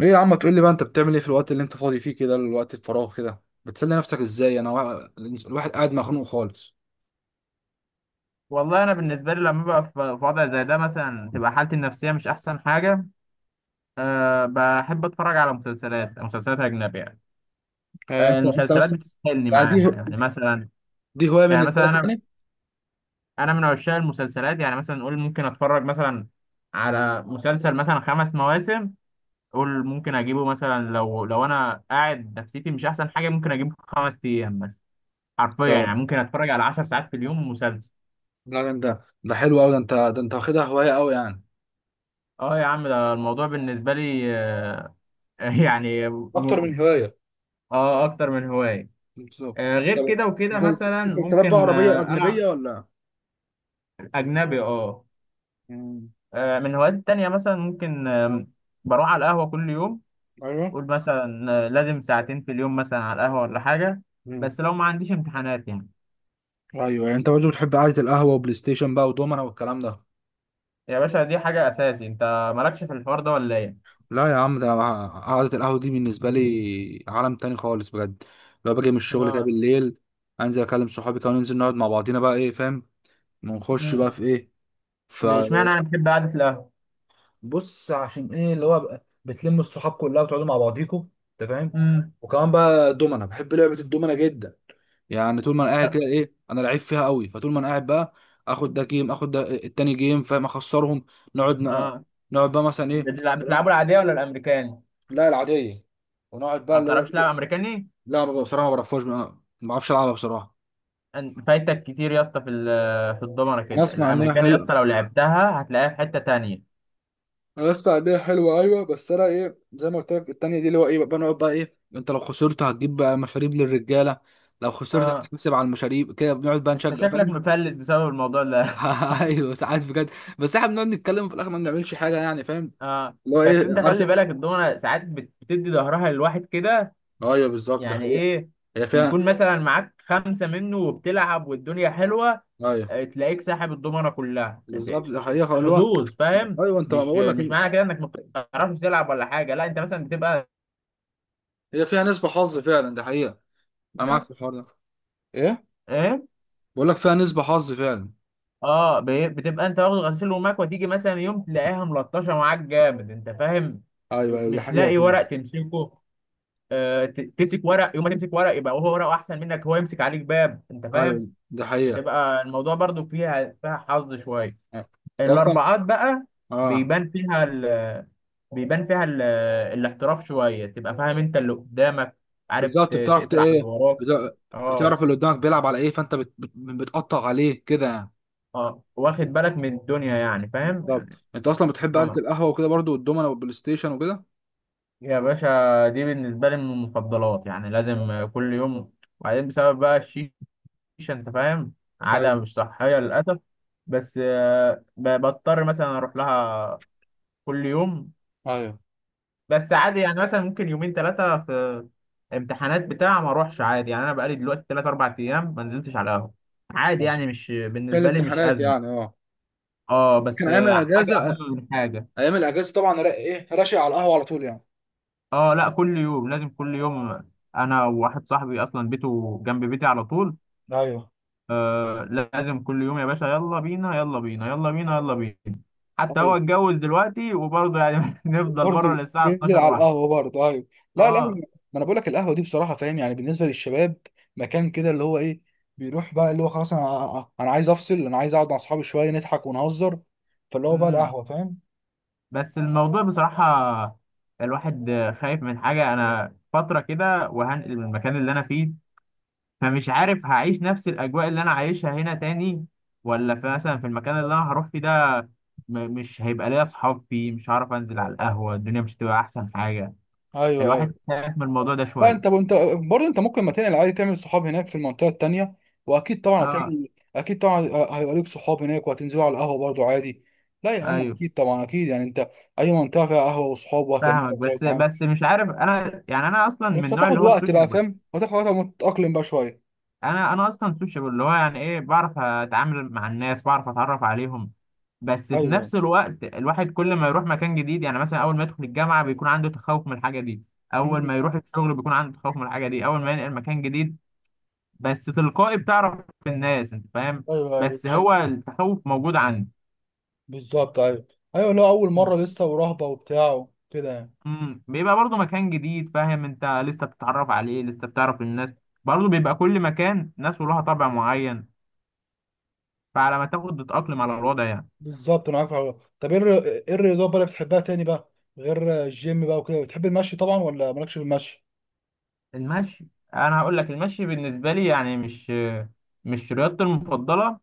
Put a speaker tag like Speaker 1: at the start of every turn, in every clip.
Speaker 1: ايه يا عم، تقول لي بقى انت بتعمل ايه في الوقت اللي انت فاضي فيه كده، الوقت الفراغ كده بتسلي نفسك ازاي؟ الواحد قاعد مخنوق خالص.
Speaker 2: والله انا بالنسبه لي لما ببقى في وضع زي ده مثلا تبقى حالتي النفسيه مش احسن حاجه. أه بحب اتفرج على مسلسلات مسلسلات اجنبيه يعني.
Speaker 1: يعني
Speaker 2: أه
Speaker 1: انت
Speaker 2: المسلسلات
Speaker 1: اصلا،
Speaker 2: بتسحلني
Speaker 1: يعني
Speaker 2: معاها يعني
Speaker 1: دي
Speaker 2: مثلا.
Speaker 1: دي هوايه
Speaker 2: يعني
Speaker 1: بالنسبه
Speaker 2: مثلا
Speaker 1: لك
Speaker 2: انا
Speaker 1: يعني؟
Speaker 2: انا من عشاق المسلسلات، يعني مثلا نقول ممكن اتفرج مثلا على مسلسل مثلا خمس مواسم. قول ممكن اجيبه مثلا لو انا قاعد نفسيتي مش احسن حاجه، ممكن اجيبه في خمس ايام مثلا. حرفيا يعني
Speaker 1: آه،
Speaker 2: ممكن اتفرج على عشر ساعات في اليوم مسلسل.
Speaker 1: لا، ده حلو قوي، ده انت واخدها هوايه قوي يعني،
Speaker 2: اه يا عم، ده الموضوع بالنسبه لي يعني.
Speaker 1: اكتر من هوايه.
Speaker 2: اه، اكتر من هواية.
Speaker 1: بالظبط.
Speaker 2: آه غير
Speaker 1: طب
Speaker 2: كده وكده مثلا
Speaker 1: مسلسلات بقى
Speaker 2: ممكن
Speaker 1: عربيه واجنبيه
Speaker 2: العب.
Speaker 1: ولا؟
Speaker 2: اجنبي، اه.
Speaker 1: مم.
Speaker 2: من هواياتي التانية مثلا ممكن بروح على القهوة كل يوم.
Speaker 1: ايوه.
Speaker 2: قول مثلا لازم ساعتين في اليوم مثلا على القهوة ولا حاجة.
Speaker 1: مم.
Speaker 2: بس لو ما عنديش امتحانات يعني.
Speaker 1: ايوه، يعني انت برضه بتحب قعده القهوه وبلاي ستيشن بقى ودومنا والكلام ده.
Speaker 2: يا باشا، دي حاجة اساسي، انت مالكش في الحوار ده ولا ايه؟
Speaker 1: لا يا عم، ده أنا قعدة القهوة دي بالنسبة لي عالم تاني خالص بجد. لو باجي من الشغل كده
Speaker 2: اه.
Speaker 1: بالليل، انزل اكلم صحابي كده وننزل نقعد مع بعضينا بقى، ايه فاهم، ونخش
Speaker 2: امم
Speaker 1: بقى في ايه.
Speaker 2: اشمعنى انا بحب قعدة القهوة.
Speaker 1: فبص عشان ايه اللي هو بقى بتلموا الصحاب كلها وتقعدوا مع بعضيكوا، انت فاهم.
Speaker 2: امم.
Speaker 1: وكمان بقى دومنا، بحب لعبة الدومنا جدا، يعني طول ما انا قاعد كده ايه، انا لعيب فيها قوي، فطول ما انا قاعد بقى اخد ده جيم، اخد ده التاني جيم، فاهم، اخسرهم. نقعد
Speaker 2: اه،
Speaker 1: نقعد بقى مثلا ايه.
Speaker 2: بتلعبوا العادية ولا الامريكاني؟
Speaker 1: لا العادية. ونقعد بقى
Speaker 2: ما
Speaker 1: اللي هو
Speaker 2: بتعرفش تلعب
Speaker 1: إيه؟
Speaker 2: امريكاني؟
Speaker 1: لا بصراحة ما بعرفهاش، ما بعرفش ألعبها بصراحة.
Speaker 2: فايتك كتير يا اسطى في في الضمنه
Speaker 1: أنا
Speaker 2: كده
Speaker 1: أسمع إنها
Speaker 2: الامريكان يا
Speaker 1: حلوة
Speaker 2: اسطى، لو لعبتها هتلاقيها في حته تانية.
Speaker 1: أنا أسمع إنها حلوة، أيوة، بس أنا إيه زي ما قلت لك، التانية دي اللي هو إيه بقى، بنقعد بقى إيه، أنت لو خسرت هتجيب بقى مشاريب للرجالة، لو خسرت
Speaker 2: اه،
Speaker 1: هتحسب على المشاريب، كده بنقعد بقى
Speaker 2: انت
Speaker 1: نشجع
Speaker 2: شكلك
Speaker 1: فاهم.
Speaker 2: مفلس بسبب الموضوع ده.
Speaker 1: أيوة ساعات بجد، بس إحنا بنقعد نتكلم في الآخر، ما بنعملش حاجة يعني فاهم،
Speaker 2: اه.
Speaker 1: اللي هو
Speaker 2: بس
Speaker 1: إيه
Speaker 2: انت
Speaker 1: عارف
Speaker 2: خلي
Speaker 1: أنت.
Speaker 2: بالك الضمنه ساعات بتدي ظهرها للواحد كده.
Speaker 1: أيوة بالظبط، ده
Speaker 2: يعني
Speaker 1: حقيقة.
Speaker 2: ايه؟
Speaker 1: هي
Speaker 2: يكون
Speaker 1: فيها.
Speaker 2: مثلا معاك خمسه منه وبتلعب والدنيا حلوه،
Speaker 1: أيوة
Speaker 2: تلاقيك ساحب الضمنه كلها
Speaker 1: بالظبط ده حقيقة، اللي هو.
Speaker 2: حظوظ، فاهم؟
Speaker 1: أيوة أنت، ما
Speaker 2: مش
Speaker 1: بقول لك
Speaker 2: مش معنى كده انك ما بتعرفش تلعب ولا حاجه، لا انت مثلا بتبقى
Speaker 1: هي فيها نسبة حظ فعلا، ده حقيقة. أنا معاك في الحوار ده. إيه.
Speaker 2: ايه.
Speaker 1: بقول لك فيها نسبة حظ فعلا.
Speaker 2: اه بتبقى انت واخد غسيل ومكوى، تيجي مثلا يوم تلاقيها ملطشه معاك جامد انت فاهم.
Speaker 1: ايوه ايوه، دي
Speaker 2: مش
Speaker 1: حقيقة
Speaker 2: لاقي
Speaker 1: فعلا.
Speaker 2: ورق تمسكه. آه تمسك ورق، يوم ما تمسك ورق يبقى هو ورقه احسن منك، هو يمسك عليك باب انت فاهم.
Speaker 1: ايوه دي حقيقة.
Speaker 2: بتبقى الموضوع برضو فيها حظ شويه.
Speaker 1: انت اصلا.
Speaker 2: الاربعات بقى
Speaker 1: اه.
Speaker 2: بيبان فيها ال... بيبان فيها ال... الاحتراف شويه، تبقى فاهم انت اللي قدامك، عارف
Speaker 1: بالظبط، بتعرف
Speaker 2: تقفل على اللي
Speaker 1: ايه،
Speaker 2: وراك.
Speaker 1: بت-
Speaker 2: اه.
Speaker 1: بتعرف اللي قدامك بيلعب على ايه، فانت بتقطع عليه كده يعني.
Speaker 2: اه، واخد بالك من الدنيا يعني فاهم يعني.
Speaker 1: بالظبط، انت اصلا بتحب قعدة
Speaker 2: اه
Speaker 1: القهوة وكده برضو، والدومنة والبلاي ستيشن وكده.
Speaker 2: يا باشا، دي بالنسبة لي من المفضلات، يعني لازم كل يوم. وبعدين بسبب بقى الشيشة، أنت فاهم، عادة
Speaker 1: ايوه
Speaker 2: مش صحية للأسف. بس بضطر مثلا أروح لها كل يوم.
Speaker 1: ايوه.
Speaker 2: بس عادي يعني، مثلا ممكن يومين ثلاثة في امتحانات بتاع ما أروحش عادي يعني. أنا بقالي دلوقتي ثلاث أربع أيام ما نزلتش على القهوة، عادي يعني، مش
Speaker 1: في
Speaker 2: بالنسبة لي مش
Speaker 1: الامتحانات
Speaker 2: أزمة.
Speaker 1: يعني، اه.
Speaker 2: أه،
Speaker 1: كان
Speaker 2: بس
Speaker 1: ايام
Speaker 2: حاجة
Speaker 1: الاجازة،
Speaker 2: أهم من حاجة.
Speaker 1: ايام الاجازة طبعا را- ايه راشق على القهوة على طول يعني.
Speaker 2: أه لا، كل يوم لازم كل يوم. أنا وواحد صاحبي أصلا بيته جنب بيتي على طول.
Speaker 1: ايوه
Speaker 2: آه، لازم كل يوم يا باشا، يلا بينا يلا بينا يلا بينا يلا بينا. حتى هو
Speaker 1: ايوه،
Speaker 2: اتجوز دلوقتي وبرضه يعني نفضل بره
Speaker 1: برضه
Speaker 2: للساعة
Speaker 1: بينزل
Speaker 2: 12
Speaker 1: على
Speaker 2: واحدة.
Speaker 1: القهوه برضه، ايوه. لا لا،
Speaker 2: اه.
Speaker 1: ما انا بقول لك القهوه دي بصراحه فاهم، يعني بالنسبه للشباب مكان كده اللي هو ايه، بيروح بقى اللي هو خلاص، انا عايز افصل، انا عايز اقعد مع اصحابي شويه نضحك ونهزر، فاللي هو بقى
Speaker 2: امم
Speaker 1: القهوه فاهم.
Speaker 2: بس الموضوع بصراحة، الواحد خايف من حاجة، انا فترة كده وهنقل من المكان اللي انا فيه، فمش عارف هعيش نفس الاجواء اللي انا عايشها هنا تاني ولا في مثلا في المكان اللي انا هروح فيه ده مش هيبقى ليا اصحاب فيه، مش هعرف انزل على القهوة، الدنيا مش هتبقى احسن حاجة.
Speaker 1: ايوه ايوه.
Speaker 2: الواحد خايف من الموضوع ده
Speaker 1: لا انت
Speaker 2: شوية.
Speaker 1: انت برضه، انت ممكن ما تنقل عادي، تعمل صحاب هناك في المنطقه التانيه، واكيد طبعا
Speaker 2: اه،
Speaker 1: هتعمل، اكيد طبعا هيبقى ليك صحاب هناك وهتنزلوا على القهوه برضه عادي. لا يا عم،
Speaker 2: ايوه.
Speaker 1: اكيد طبعا، اكيد يعني انت اي منطقه فيها قهوه وصحاب وهتعمل،
Speaker 2: فاهمك، بس بس مش عارف انا يعني، انا اصلا من
Speaker 1: بس
Speaker 2: النوع
Speaker 1: هتاخد
Speaker 2: اللي هو
Speaker 1: وقت بقى
Speaker 2: السوشيبل.
Speaker 1: فاهم، هتاخد وقت لما تتأقلم بقى شوية.
Speaker 2: انا اصلا سوشيبل، اللي هو يعني ايه، بعرف اتعامل مع الناس، بعرف اتعرف عليهم. بس في
Speaker 1: ايوه.
Speaker 2: نفس الوقت الواحد كل ما يروح مكان جديد، يعني مثلا اول ما يدخل الجامعه بيكون عنده تخوف من الحاجه دي، اول
Speaker 1: مم.
Speaker 2: ما يروح الشغل بيكون عنده تخوف من الحاجه دي، اول ما ينقل مكان جديد. بس تلقائي بتعرف الناس انت فاهم.
Speaker 1: ايوه ايوه
Speaker 2: بس
Speaker 1: ده
Speaker 2: هو
Speaker 1: حقيقي.
Speaker 2: التخوف موجود عندي.
Speaker 1: بالظبط. ايوه ايوه، لو اول مره لسه ورهبه وبتاع كده يعني.
Speaker 2: بيبقى برضه مكان جديد، فاهم، انت لسه بتتعرف عليه لسه بتعرف الناس. برضه بيبقى كل مكان ناس ولها طبع معين، فعلى ما تاخد تتأقلم على الوضع يعني.
Speaker 1: بالظبط انا عارف الحوار. طب ايه الرياضات بقى اللي بتحبها تاني بقى، غير الجيم بقى وكده؟ بتحب المشي طبعا ولا مالكش في المشي؟
Speaker 2: المشي، انا هقول لك المشي بالنسبة لي يعني مش رياضتي المفضلة.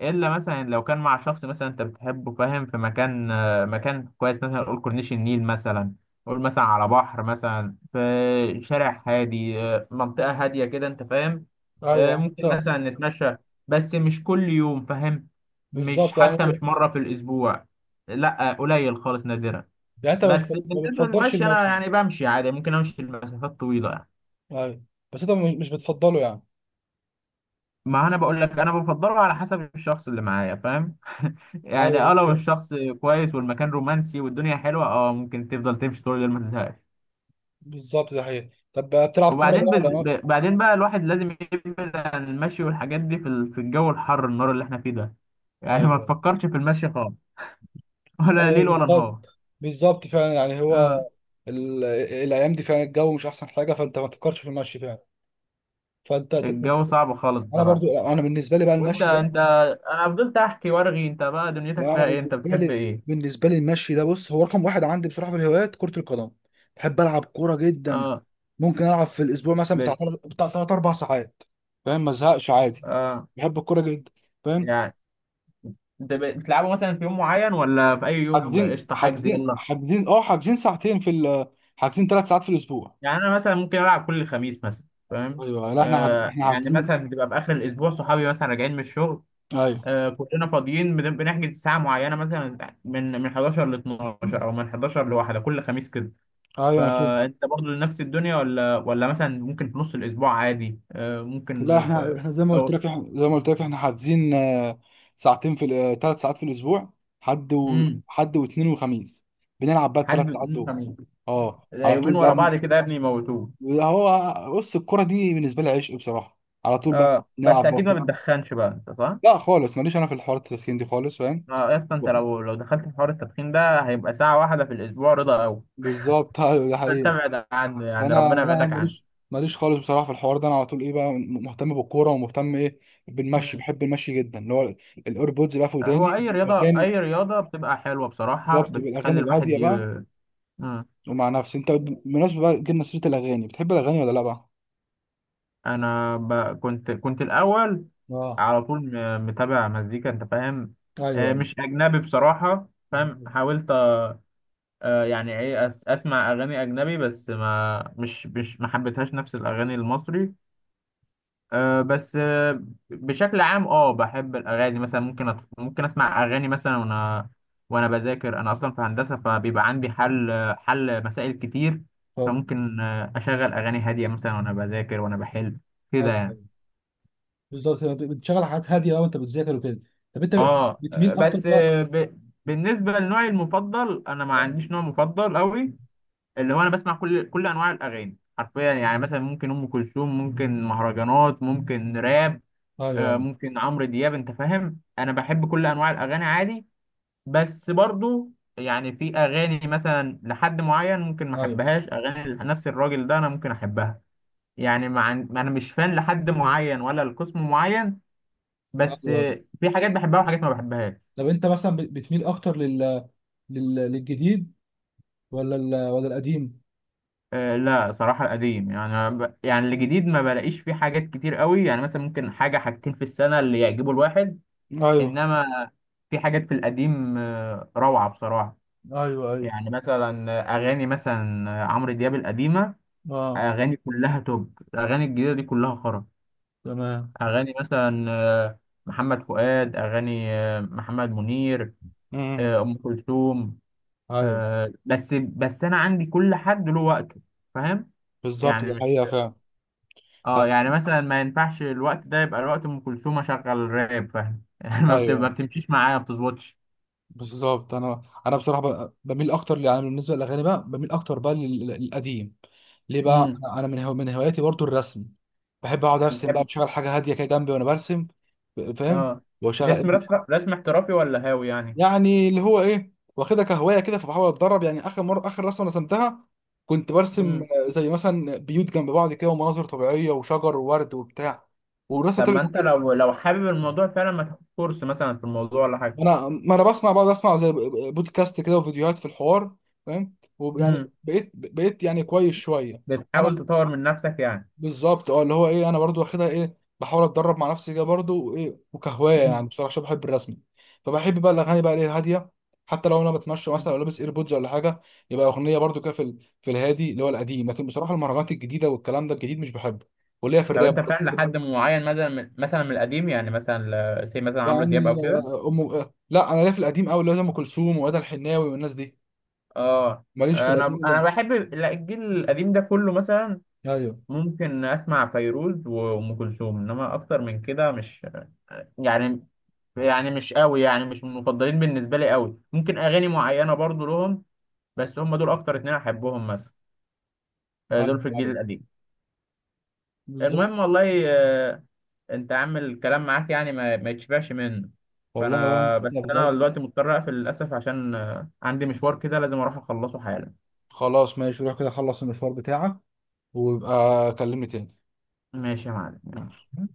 Speaker 2: الا مثلا لو كان مع شخص مثلا انت بتحبه فاهم في مكان، مكان كويس مثلا قول كورنيش النيل مثلا، قول مثلا على بحر مثلا في شارع هادي، منطقة هادية كده انت فاهم.
Speaker 1: ايوه
Speaker 2: ممكن
Speaker 1: انت.
Speaker 2: مثلا نتمشى. بس مش كل يوم فاهم، مش
Speaker 1: بالظبط يعني.
Speaker 2: حتى مش مرة في الأسبوع، لا قليل خالص، نادرا.
Speaker 1: يعني انت
Speaker 2: بس
Speaker 1: ما
Speaker 2: بالنسبة
Speaker 1: بتفضلش
Speaker 2: للمشي أنا
Speaker 1: المشي.
Speaker 2: يعني بمشي عادي، ممكن أمشي لمسافات طويلة.
Speaker 1: ايوه. بس انت مش بتفضله يعني.
Speaker 2: ما انا بقول لك انا بفضله على حسب الشخص اللي معايا فاهم يعني.
Speaker 1: ايوه
Speaker 2: اه لو
Speaker 1: بالظبط.
Speaker 2: الشخص كويس والمكان رومانسي والدنيا حلوه، اه ممكن تفضل تمشي طول الليل ما تزهقش.
Speaker 1: بالظبط ده حقيقي. طب بتلعب كوره بقى ولا ما؟
Speaker 2: بعدين بقى الواحد لازم يبعد عن المشي والحاجات دي في في الجو الحر النار اللي احنا فيه ده. يعني ما
Speaker 1: ايوه
Speaker 2: تفكرش في المشي خالص. ولا
Speaker 1: ايوه.
Speaker 2: ليل ولا نهار.
Speaker 1: بالظبط. بالظبط فعلا يعني هو
Speaker 2: آه.
Speaker 1: ال- الايام دي فعلا الجو مش احسن حاجه، فانت ما تفكرش في المشي فعلا. فانت طب،
Speaker 2: الجو صعب خالص
Speaker 1: انا
Speaker 2: بصراحه.
Speaker 1: برضو، انا بالنسبه لي بقى
Speaker 2: وانت
Speaker 1: المشي ده،
Speaker 2: انت انا فضلت احكي وارغي، انت بقى دنيتك
Speaker 1: انا
Speaker 2: فيها ايه؟ انت
Speaker 1: بالنسبه
Speaker 2: بتحب
Speaker 1: لي
Speaker 2: ايه؟
Speaker 1: بالنسبه لي المشي ده، بص، هو رقم واحد عندي بصراحه في الهوايات كره القدم. بحب العب كوره جدا،
Speaker 2: اه
Speaker 1: ممكن العب في الاسبوع مثلا
Speaker 2: بت...
Speaker 1: بتاع ثلاث اربع ساعات فاهم، ما ازهقش عادي.
Speaker 2: اه
Speaker 1: بحب الكوره جدا فاهم.
Speaker 2: يعني انت بتلعبه مثلا في يوم معين ولا في اي يوم
Speaker 1: حاجزين
Speaker 2: قشطه حجز
Speaker 1: حاجزين
Speaker 2: يلا؟
Speaker 1: حاجزين، اه، حاجزين ثلاث ساعات في الاسبوع.
Speaker 2: يعني انا مثلا ممكن العب كل خميس مثلا فاهم.
Speaker 1: ايوه، لا
Speaker 2: آه
Speaker 1: احنا
Speaker 2: يعني
Speaker 1: حاجزين.
Speaker 2: مثلا بتبقى في اخر الاسبوع، صحابي مثلا راجعين من الشغل،
Speaker 1: ايوه
Speaker 2: آه كلنا فاضيين بنحجز ساعه معينه مثلا، من 11 ل 12 او من 11 لواحده كل خميس كده.
Speaker 1: ايوه انا فاهم.
Speaker 2: فانت برضه نفس الدنيا ولا مثلا ممكن في نص الاسبوع عادي آه ممكن
Speaker 1: لا احنا،
Speaker 2: في.
Speaker 1: احنا
Speaker 2: او.
Speaker 1: زي ما قلت لك احنا حاجزين، ساعتين في ثلاث ساعات في الاسبوع،
Speaker 2: امم.
Speaker 1: حد واثنين وخميس، بنلعب بقى
Speaker 2: حد
Speaker 1: الثلاث ساعات
Speaker 2: يوم
Speaker 1: دول.
Speaker 2: خميس.
Speaker 1: اه
Speaker 2: لا،
Speaker 1: على طول
Speaker 2: يومين
Speaker 1: بقى
Speaker 2: ورا بعض كده يا ابني يموتوه.
Speaker 1: هو بص، الكرة دي بالنسبة لي عشق بصراحة، على طول بقى
Speaker 2: آه بس
Speaker 1: نلعب
Speaker 2: اكيد ما
Speaker 1: بقى.
Speaker 2: بتدخنش بقى انت، صح؟
Speaker 1: لا خالص، ماليش انا في الحوارات التدخين دي خالص فاهم.
Speaker 2: اه يا اسطى، انت لو دخلت في حوار التدخين ده هيبقى ساعة واحدة في الأسبوع رضا أوي.
Speaker 1: بالظبط. ايوه دي
Speaker 2: فأنت
Speaker 1: حقيقة.
Speaker 2: ابعد عنه يعني،
Speaker 1: فانا
Speaker 2: ربنا
Speaker 1: لا
Speaker 2: يبعدك عنه.
Speaker 1: ماليش، ماليش خالص بصراحة في الحوار ده، انا على طول ايه بقى مهتم بالكورة ومهتم ايه بالمشي،
Speaker 2: مم.
Speaker 1: بحب المشي جدا، اللي هو الايربودز بقى في
Speaker 2: هو
Speaker 1: وداني
Speaker 2: أي رياضة،
Speaker 1: الاغاني.
Speaker 2: أي رياضة بتبقى حلوة بصراحة،
Speaker 1: بالظبط، بالاغاني
Speaker 2: بتخلي
Speaker 1: الهاديه
Speaker 2: الواحد ي...
Speaker 1: بقى،
Speaker 2: مم.
Speaker 1: ومع نفسي. انت بالمناسبه بقى جبنا سيره الاغاني، بتحب الاغاني ولا لا بقى؟
Speaker 2: أنا ب... كنت الأول
Speaker 1: اه.
Speaker 2: على طول، متابع مزيكا أنت فاهم.
Speaker 1: ايوه ايوه.
Speaker 2: مش أجنبي بصراحة فاهم، حاولت، يعني إيه، أسمع أغاني أجنبي بس ما مش ما حبيتهاش نفس الأغاني المصري. أه، بس أه بشكل عام اه بحب الاغاني، مثلا ممكن ممكن اسمع اغاني مثلا وانا بذاكر، انا اصلا في هندسه فبيبقى عندي حل مسائل كتير.
Speaker 1: طب،
Speaker 2: فممكن اشغل اغاني هاديه مثلا وانا بذاكر وانا بحل كده
Speaker 1: أيوة،
Speaker 2: يعني.
Speaker 1: أيوة. بالظبط، أنت بتشغل حاجات هاديه بقى وانت بتذاكر وكده. طب انت
Speaker 2: اه
Speaker 1: بتميل اكتر بقى؟
Speaker 2: بالنسبه لنوعي المفضل انا ما
Speaker 1: آه،
Speaker 2: عنديش نوع مفضل قوي. اللي هو انا بسمع كل انواع الاغاني حرفيا، يعني مثلا ممكن ام كلثوم، ممكن مهرجانات، ممكن راب،
Speaker 1: ايوه ايوه.
Speaker 2: ممكن عمرو دياب انت فاهم، انا بحب كل انواع الاغاني عادي. بس برضو يعني في اغاني مثلا لحد معين ممكن ما
Speaker 1: ايوه
Speaker 2: احبهاش، اغاني نفس الراجل ده انا ممكن احبها. يعني مع انا مش فان لحد معين ولا لقسم معين.
Speaker 1: ايوه
Speaker 2: بس
Speaker 1: أيوة.
Speaker 2: في حاجات بحبها وحاجات ما بحبهاش.
Speaker 1: طب انت مثلا بتميل اكتر للجديد ولا القديم؟
Speaker 2: لا صراحة القديم، يعني الجديد ما بلاقيش فيه حاجات كتير قوي، يعني مثلا ممكن حاجة حاجتين في السنة اللي يعجبوا الواحد.
Speaker 1: ايوه
Speaker 2: انما في حاجات في القديم روعة بصراحة.
Speaker 1: ايوه. ايوه
Speaker 2: يعني مثلا اغاني مثلا عمرو دياب القديمه،
Speaker 1: اه.
Speaker 2: اغاني كلها توب. الاغاني الجديده دي كلها خرا.
Speaker 1: تمام.
Speaker 2: اغاني مثلا محمد فؤاد، اغاني محمد منير،
Speaker 1: امم
Speaker 2: ام كلثوم.
Speaker 1: ايوه
Speaker 2: بس بس انا عندي كل حد له وقته، فاهم.
Speaker 1: بالظبط
Speaker 2: يعني
Speaker 1: ده
Speaker 2: مش
Speaker 1: حقيقه فعلا.
Speaker 2: اه، يعني مثلا ما ينفعش الوقت ده يبقى الوقت ام كلثوم اشغل راب فاهم يعني ما ما
Speaker 1: ايوه
Speaker 2: بتمشيش معايا ما بتظبطش.
Speaker 1: بالظبط. انا بصراحه بميل اكتر يعني بالنسبه للاغاني بقى، بميل اكتر بقى للقديم. ليه بقى،
Speaker 2: امم.
Speaker 1: انا من هواياتي برضو الرسم، بحب اقعد ارسم بقى،
Speaker 2: بتحب.
Speaker 1: بشغل حاجه هاديه كده جنبي وانا برسم فاهم،
Speaker 2: اه
Speaker 1: وشغل.
Speaker 2: بترسم، رسم احترافي ولا هاوي يعني؟
Speaker 1: يعني اللي هو ايه، واخدها كهوايه كده، فبحاول اتدرب يعني. اخر مره اخر رسمه رسمتها، كنت برسم زي مثلا بيوت جنب بعض كده، ومناظر طبيعيه وشجر وورد وبتاع، والرسمه
Speaker 2: طب ما
Speaker 1: طلعت.
Speaker 2: انت لو حابب الموضوع فعلا ما تاخد كورس مثلا في الموضوع ولا حاجه.
Speaker 1: انا ما انا بسمع، بقعد اسمع زي بودكاست كده وفيديوهات في الحوار فاهم، ويعني
Speaker 2: امم.
Speaker 1: بقيت يعني كويس شويه. انا
Speaker 2: بتحاول تطور من نفسك يعني.
Speaker 1: بالظبط، اه اللي هو ايه، انا برضو واخدها ايه، بحاول اتدرب مع نفسي كده برضو، وايه وكهوايه
Speaker 2: امم.
Speaker 1: يعني بصراحه عشان بحب الرسم. فبحب بقى الاغاني بقى ايه الهاديه، حتى لو انا بتمشى مثلا او لابس ايربودز ولا حاجه، يبقى اغنيه برضو كده في الهادي اللي هو القديم. لكن بصراحه المهرجانات الجديده والكلام ده الجديد مش بحبه، وليا في
Speaker 2: طب
Speaker 1: الراب
Speaker 2: انت فعلا لحد
Speaker 1: برضو.
Speaker 2: معين مثلا من، مثلا من القديم يعني مثلا زي مثلا عمرو دياب
Speaker 1: يعني
Speaker 2: او كده؟
Speaker 1: آه، ام آه، لا انا ليا في القديم قوي، اللي هو زي ام كلثوم وادى الحناوي والناس دي،
Speaker 2: اه
Speaker 1: ماليش في القديم
Speaker 2: انا
Speaker 1: اللي.
Speaker 2: انا بحب، لا، الجيل القديم ده كله مثلا
Speaker 1: ايوه
Speaker 2: ممكن اسمع فيروز وام كلثوم، انما اكتر من كده مش يعني يعني مش قوي، يعني مش من المفضلين بالنسبه لي قوي، ممكن اغاني معينه برضو لهم بس هم دول اكتر اتنين احبهم مثلا،
Speaker 1: ايوه
Speaker 2: دول في الجيل
Speaker 1: أيوة.
Speaker 2: القديم.
Speaker 1: بالظبط.
Speaker 2: المهم والله انت عامل الكلام معاك يعني ما يتشبعش منه.
Speaker 1: والله يا بنت،
Speaker 2: فانا بس
Speaker 1: أنا
Speaker 2: انا
Speaker 1: بجد.
Speaker 2: دلوقتي مضطر اقفل للاسف، عشان عندي مشوار كده لازم اروح اخلصه حالا.
Speaker 1: خلاص ماشي، روح كده خلص المشوار بتاعك، ويبقى كلمني تاني.
Speaker 2: ماشي يا معلم
Speaker 1: ماشي.
Speaker 2: يلا.